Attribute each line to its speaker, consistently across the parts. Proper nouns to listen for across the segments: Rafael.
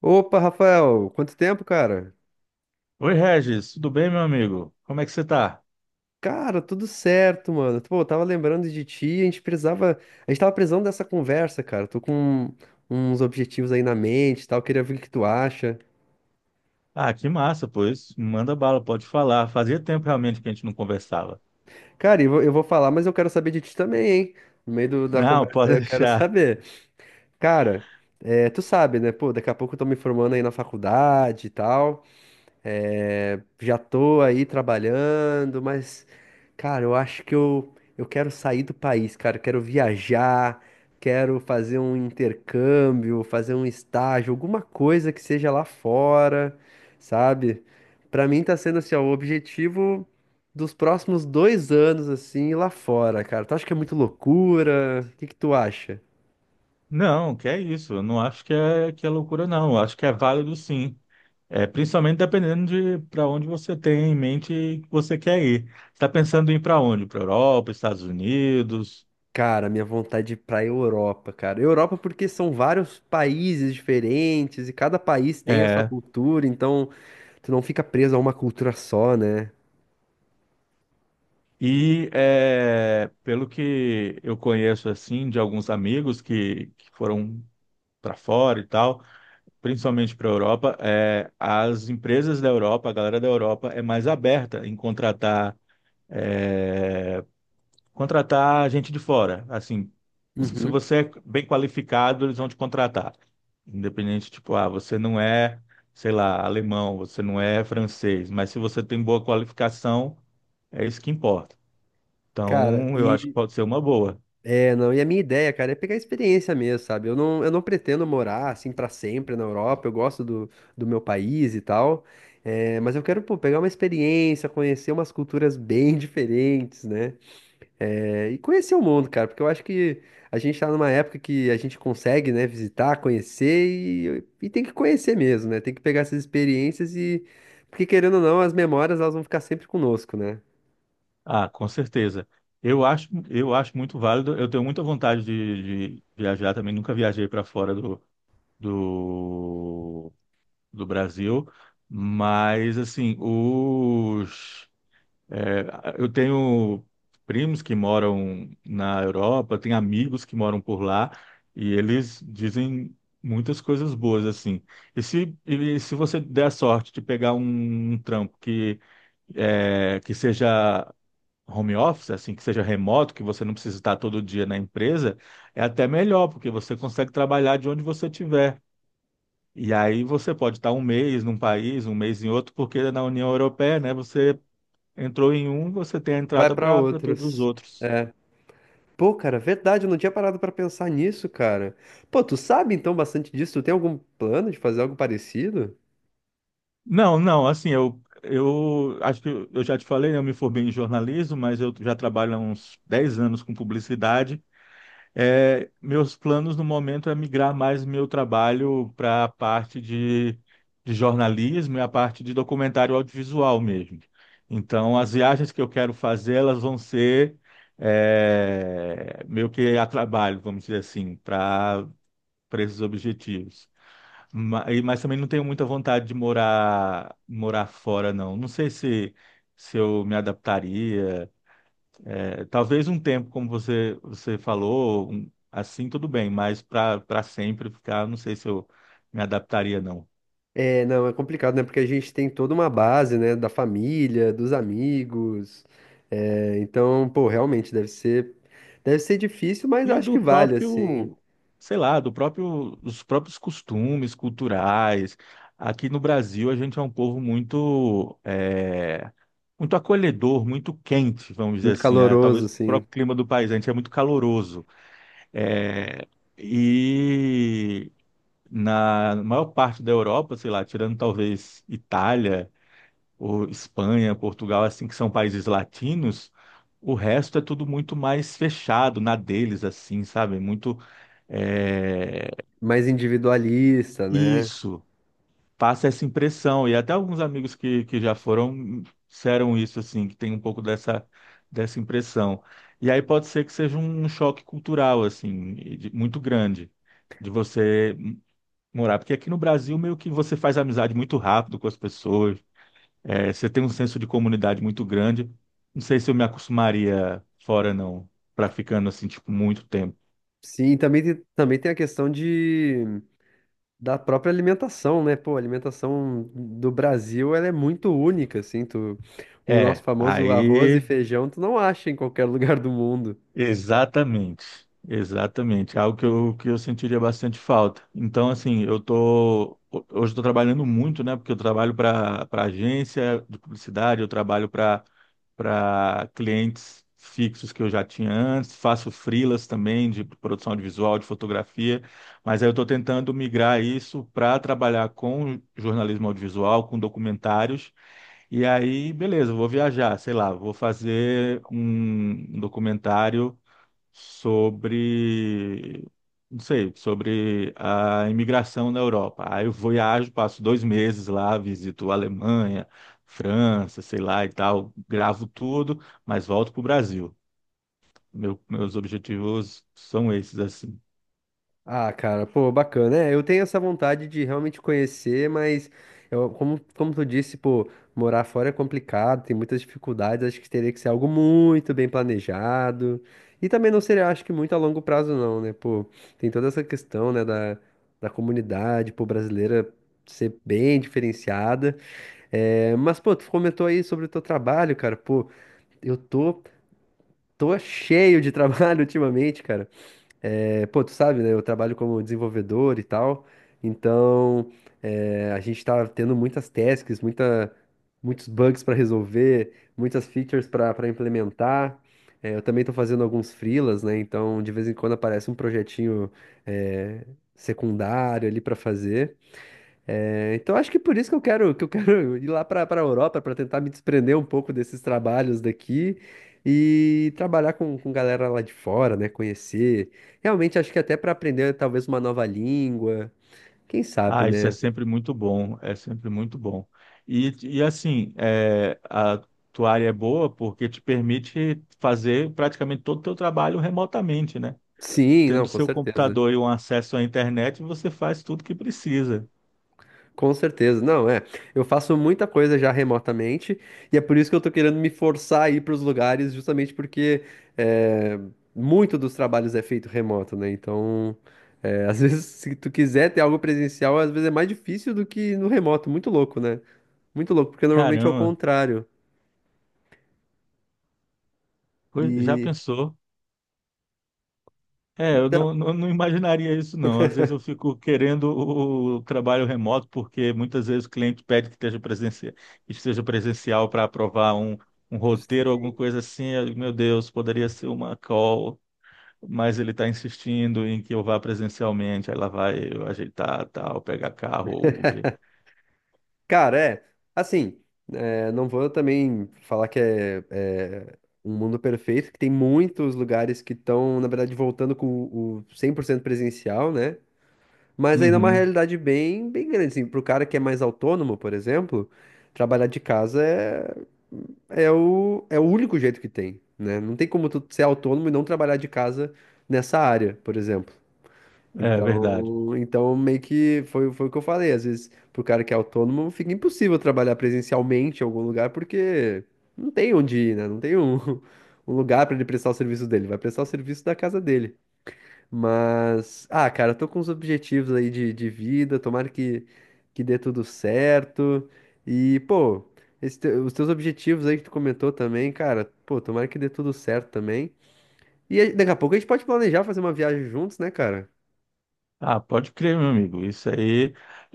Speaker 1: Opa, Rafael, quanto tempo, cara?
Speaker 2: Oi, Regis, tudo bem, meu amigo? Como é que você tá?
Speaker 1: Cara, tudo certo, mano. Pô, eu tava lembrando de ti, a gente tava precisando dessa conversa, cara. Tô com uns objetivos aí na mente, e tal, queria ver o que tu acha.
Speaker 2: Ah, que massa, pois. Manda bala, pode falar. Fazia tempo realmente que a gente não conversava.
Speaker 1: Cara, eu vou falar, mas eu quero saber de ti também, hein? No meio da
Speaker 2: Não,
Speaker 1: conversa aí
Speaker 2: pode
Speaker 1: eu quero
Speaker 2: deixar.
Speaker 1: saber. Cara, é, tu sabe, né? Pô, daqui a pouco eu tô me formando aí na faculdade e tal. É, já tô aí trabalhando, mas, cara, eu acho eu quero sair do país, cara. Eu quero viajar, quero fazer um intercâmbio, fazer um estágio, alguma coisa que seja lá fora, sabe? Pra mim tá sendo assim, ó, o objetivo dos próximos dois anos, assim, lá fora, cara. Tu acha que é muito loucura? O que que tu acha?
Speaker 2: Não, que é isso. Eu não acho que é loucura, não. Eu acho que é válido, sim. É, principalmente dependendo de para onde você tem em mente que você quer ir. Você está pensando em ir para onde? Para Europa, Estados Unidos?
Speaker 1: Cara, minha vontade de ir pra Europa, cara. Europa porque são vários países diferentes e cada país tem a sua
Speaker 2: É.
Speaker 1: cultura, então tu não fica preso a uma cultura só, né?
Speaker 2: E é, pelo que eu conheço assim de alguns amigos que foram para fora e tal, principalmente para a Europa, as empresas da Europa, a galera da Europa é mais aberta em contratar é, contratar gente de fora. Assim, se
Speaker 1: Uhum.
Speaker 2: você é bem qualificado, eles vão te contratar. Independente, tipo, ah, você não é, sei lá, alemão, você não é francês, mas se você tem boa qualificação, é isso que importa.
Speaker 1: Cara,
Speaker 2: Então, eu acho que
Speaker 1: e
Speaker 2: pode ser uma boa.
Speaker 1: é, não, e a minha ideia, cara, é pegar a experiência mesmo, sabe? Eu não pretendo morar assim pra sempre na Europa, eu gosto do meu país e tal, é, mas eu quero, pô, pegar uma experiência, conhecer umas culturas bem diferentes, né? É, e conhecer o mundo, cara, porque eu acho que a gente tá numa época que a gente consegue, né, visitar, conhecer e tem que conhecer mesmo, né? Tem que pegar essas experiências e, porque querendo ou não, as memórias elas vão ficar sempre conosco, né?
Speaker 2: Ah, com certeza. Eu acho muito válido. Eu tenho muita vontade de viajar também. Nunca viajei para fora do, do Brasil, mas assim, é, eu tenho primos que moram na Europa, tenho amigos que moram por lá e eles dizem muitas coisas boas assim. E se você der a sorte de pegar um trampo que seja home office, assim, que seja remoto, que você não precisa estar todo dia na empresa, é até melhor, porque você consegue trabalhar de onde você estiver. E aí você pode estar um mês num país, um mês em outro, porque na União Europeia, né, você entrou em um, você tem a
Speaker 1: Vai
Speaker 2: entrada
Speaker 1: pra
Speaker 2: para todos os
Speaker 1: outros.
Speaker 2: outros.
Speaker 1: É. Pô, cara, verdade, eu não tinha parado pra pensar nisso, cara. Pô, tu sabe então bastante disso? Tu tem algum plano de fazer algo parecido?
Speaker 2: Não, não, assim, eu acho que eu já te falei, né, eu me formei em jornalismo, mas eu já trabalho há uns 10 anos com publicidade. É, meus planos no momento é migrar mais meu trabalho para a parte de jornalismo e a parte de documentário audiovisual mesmo. Então, as viagens que eu quero fazer, elas vão ser meio que a trabalho, vamos dizer assim, para esses objetivos. Mas também não tenho muita vontade de morar fora, não. Não sei se, se eu me adaptaria. É, talvez um tempo, como você falou, assim tudo bem, mas para sempre ficar, não sei se eu me adaptaria, não.
Speaker 1: É, não, é complicado, né? Porque a gente tem toda uma base, né? Da família, dos amigos. É, então, pô, deve ser difícil, mas eu
Speaker 2: E
Speaker 1: acho que
Speaker 2: do
Speaker 1: vale, assim.
Speaker 2: próprio, sei lá, do próprio, dos próprios costumes culturais. Aqui no Brasil, a gente é um povo muito, é, muito acolhedor, muito quente, vamos dizer
Speaker 1: Muito
Speaker 2: assim. Ah,
Speaker 1: caloroso,
Speaker 2: talvez o
Speaker 1: assim.
Speaker 2: próprio clima do país, a gente é muito caloroso. É, e na maior parte da Europa, sei lá, tirando talvez Itália ou Espanha, Portugal, assim, que são países latinos, o resto é tudo muito mais fechado na deles, assim, sabe? Muito é,
Speaker 1: Mais individualista, né?
Speaker 2: isso, passa essa impressão. E até alguns amigos que já foram disseram isso, assim, que tem um pouco dessa impressão. E aí pode ser que seja um choque cultural, assim, muito grande, de você morar. Porque aqui no Brasil, meio que você faz amizade muito rápido com as pessoas, é, você tem um senso de comunidade muito grande. Não sei se eu me acostumaria fora, não, pra ficando assim, tipo, muito tempo.
Speaker 1: Sim, e também tem a questão de, da própria alimentação, né? Pô, a alimentação do Brasil, ela é muito única, assim. Tu, o nosso
Speaker 2: É,
Speaker 1: famoso arroz e
Speaker 2: aí.
Speaker 1: feijão, tu não acha em qualquer lugar do mundo.
Speaker 2: Exatamente, exatamente. Algo que eu sentiria bastante falta. Então, assim, hoje estou trabalhando muito, né? Porque eu trabalho para agência de publicidade, eu trabalho para clientes fixos que eu já tinha antes, faço freelas também de produção audiovisual, de fotografia, mas aí eu estou tentando migrar isso para trabalhar com jornalismo audiovisual, com documentários. E aí, beleza, eu vou viajar, sei lá, vou fazer um documentário sobre, não sei, sobre a imigração na Europa. Aí eu viajo, passo 2 meses lá, visito a Alemanha, França, sei lá e tal, gravo tudo, mas volto para o Brasil. Meus objetivos são esses, assim.
Speaker 1: Ah, cara, pô, bacana. É, eu tenho essa vontade de realmente conhecer, mas eu, como, como tu disse, pô, morar fora é complicado, tem muitas dificuldades, acho que teria que ser algo muito bem planejado. E também não seria, acho que muito a longo prazo, não, né? Pô, tem toda essa questão, né, da, da comunidade, pô, brasileira ser bem diferenciada. É, mas, pô, tu comentou aí sobre o teu trabalho, cara, pô, eu tô, tô cheio de trabalho ultimamente, cara. É, pô, tu sabe, né? Eu trabalho como desenvolvedor e tal, então é, a gente tá tendo muitas tasks, muitos bugs para resolver, muitas features para implementar. É, eu também tô fazendo alguns freelas, né? Então de vez em quando aparece um projetinho é, secundário ali para fazer. É, então acho que por isso que eu quero ir lá para a Europa para tentar me desprender um pouco desses trabalhos daqui e trabalhar com galera lá de fora, né? Conhecer. Realmente acho que até para aprender talvez uma nova língua, quem sabe,
Speaker 2: Ah, isso é
Speaker 1: né?
Speaker 2: sempre muito bom, é sempre muito bom. E assim, a tua área é boa porque te permite fazer praticamente todo o teu trabalho remotamente, né?
Speaker 1: Sim, não,
Speaker 2: Tendo
Speaker 1: com
Speaker 2: seu
Speaker 1: certeza.
Speaker 2: computador e um acesso à internet, você faz tudo que precisa.
Speaker 1: Com certeza, não é. Eu faço muita coisa já remotamente e é por isso que eu tô querendo me forçar a ir para os lugares, justamente porque é, muito dos trabalhos é feito remoto, né? Então, é, às vezes, se tu quiser ter algo presencial, às vezes é mais difícil do que no remoto. Muito louco, né? Muito louco, porque normalmente é o
Speaker 2: Caramba,
Speaker 1: contrário.
Speaker 2: já
Speaker 1: E
Speaker 2: pensou? É, eu
Speaker 1: então,
Speaker 2: não, não, não imaginaria isso, não. Às vezes eu fico querendo o trabalho remoto, porque muitas vezes o cliente pede que esteja presencial para aprovar um, um roteiro, alguma coisa assim. Meu Deus, poderia ser uma call, mas ele está insistindo em que eu vá presencialmente. Aí lá vai eu ajeitar, tal, pegar carro, Uber.
Speaker 1: cara, é. Assim, é, não vou também falar que é, é um mundo perfeito, que tem muitos lugares que estão, na verdade, voltando com o 100% presencial, né? Mas ainda é uma
Speaker 2: Uhum,
Speaker 1: realidade bem grande, assim. Pro cara que é mais autônomo, por exemplo, trabalhar de casa é, é o único jeito que tem, né? Não tem como tu ser autônomo e não trabalhar de casa nessa área, por exemplo.
Speaker 2: é verdade.
Speaker 1: Então, meio que foi, foi o que eu falei. Às vezes, pro cara que é autônomo, fica impossível trabalhar presencialmente em algum lugar, porque não tem onde ir, né? Não tem um, um lugar para ele prestar o serviço dele. Vai prestar o serviço da casa dele. Mas, ah, cara, eu tô com os objetivos aí de vida. Tomara que dê tudo certo. E, pô, esse os teus objetivos aí que tu comentou também, cara, pô, tomara que dê tudo certo também. E aí, daqui a pouco a gente pode planejar fazer uma viagem juntos, né, cara?
Speaker 2: Ah, pode crer, meu amigo. Isso aí,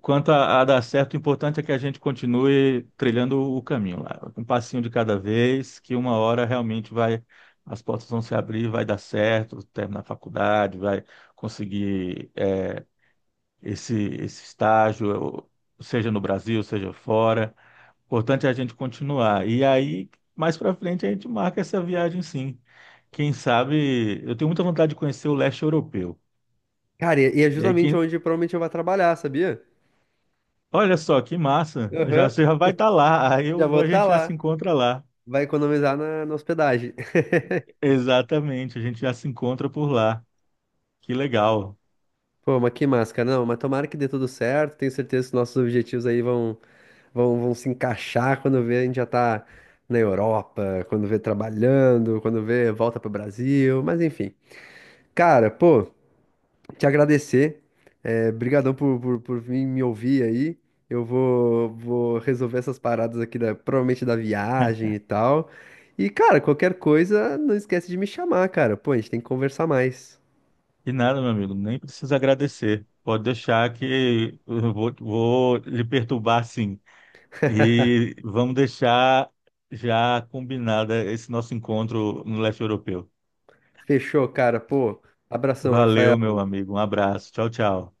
Speaker 2: quanto a dar certo, o importante é que a gente continue trilhando o caminho lá, um passinho de cada vez, que uma hora realmente vai, as portas vão se abrir, vai dar certo, terminar a faculdade, vai conseguir esse estágio, seja no Brasil, seja fora. O importante é a gente continuar. E aí, mais para frente, a gente marca essa viagem, sim. Quem sabe, eu tenho muita vontade de conhecer o leste europeu.
Speaker 1: Cara, e é
Speaker 2: E aí,
Speaker 1: justamente
Speaker 2: quem,
Speaker 1: onde provavelmente eu vou trabalhar, sabia?
Speaker 2: Olha só, que massa.
Speaker 1: Aham,
Speaker 2: Você já vai estar lá.
Speaker 1: já vou
Speaker 2: A
Speaker 1: estar
Speaker 2: gente já se
Speaker 1: lá.
Speaker 2: encontra lá.
Speaker 1: Vai economizar na hospedagem.
Speaker 2: Exatamente, a gente já se encontra por lá. Que legal.
Speaker 1: Pô, mas que máscara, não, mas tomara que dê tudo certo. Tenho certeza que nossos objetivos aí vão, vão se encaixar quando vê a gente já tá na Europa, quando vê trabalhando, quando vê volta pro Brasil, mas enfim. Cara, pô, te agradecer. É, brigadão por vir me ouvir aí. Vou resolver essas paradas aqui, da, provavelmente da viagem e tal. E, cara, qualquer coisa, não esquece de me chamar, cara. Pô, a gente tem que conversar mais.
Speaker 2: E nada, meu amigo, nem precisa agradecer. Pode deixar que vou lhe perturbar, sim. E vamos deixar já combinada esse nosso encontro no leste europeu.
Speaker 1: Fechou, cara. Pô, abração,
Speaker 2: Valeu,
Speaker 1: Rafael.
Speaker 2: meu amigo. Um abraço. Tchau, tchau.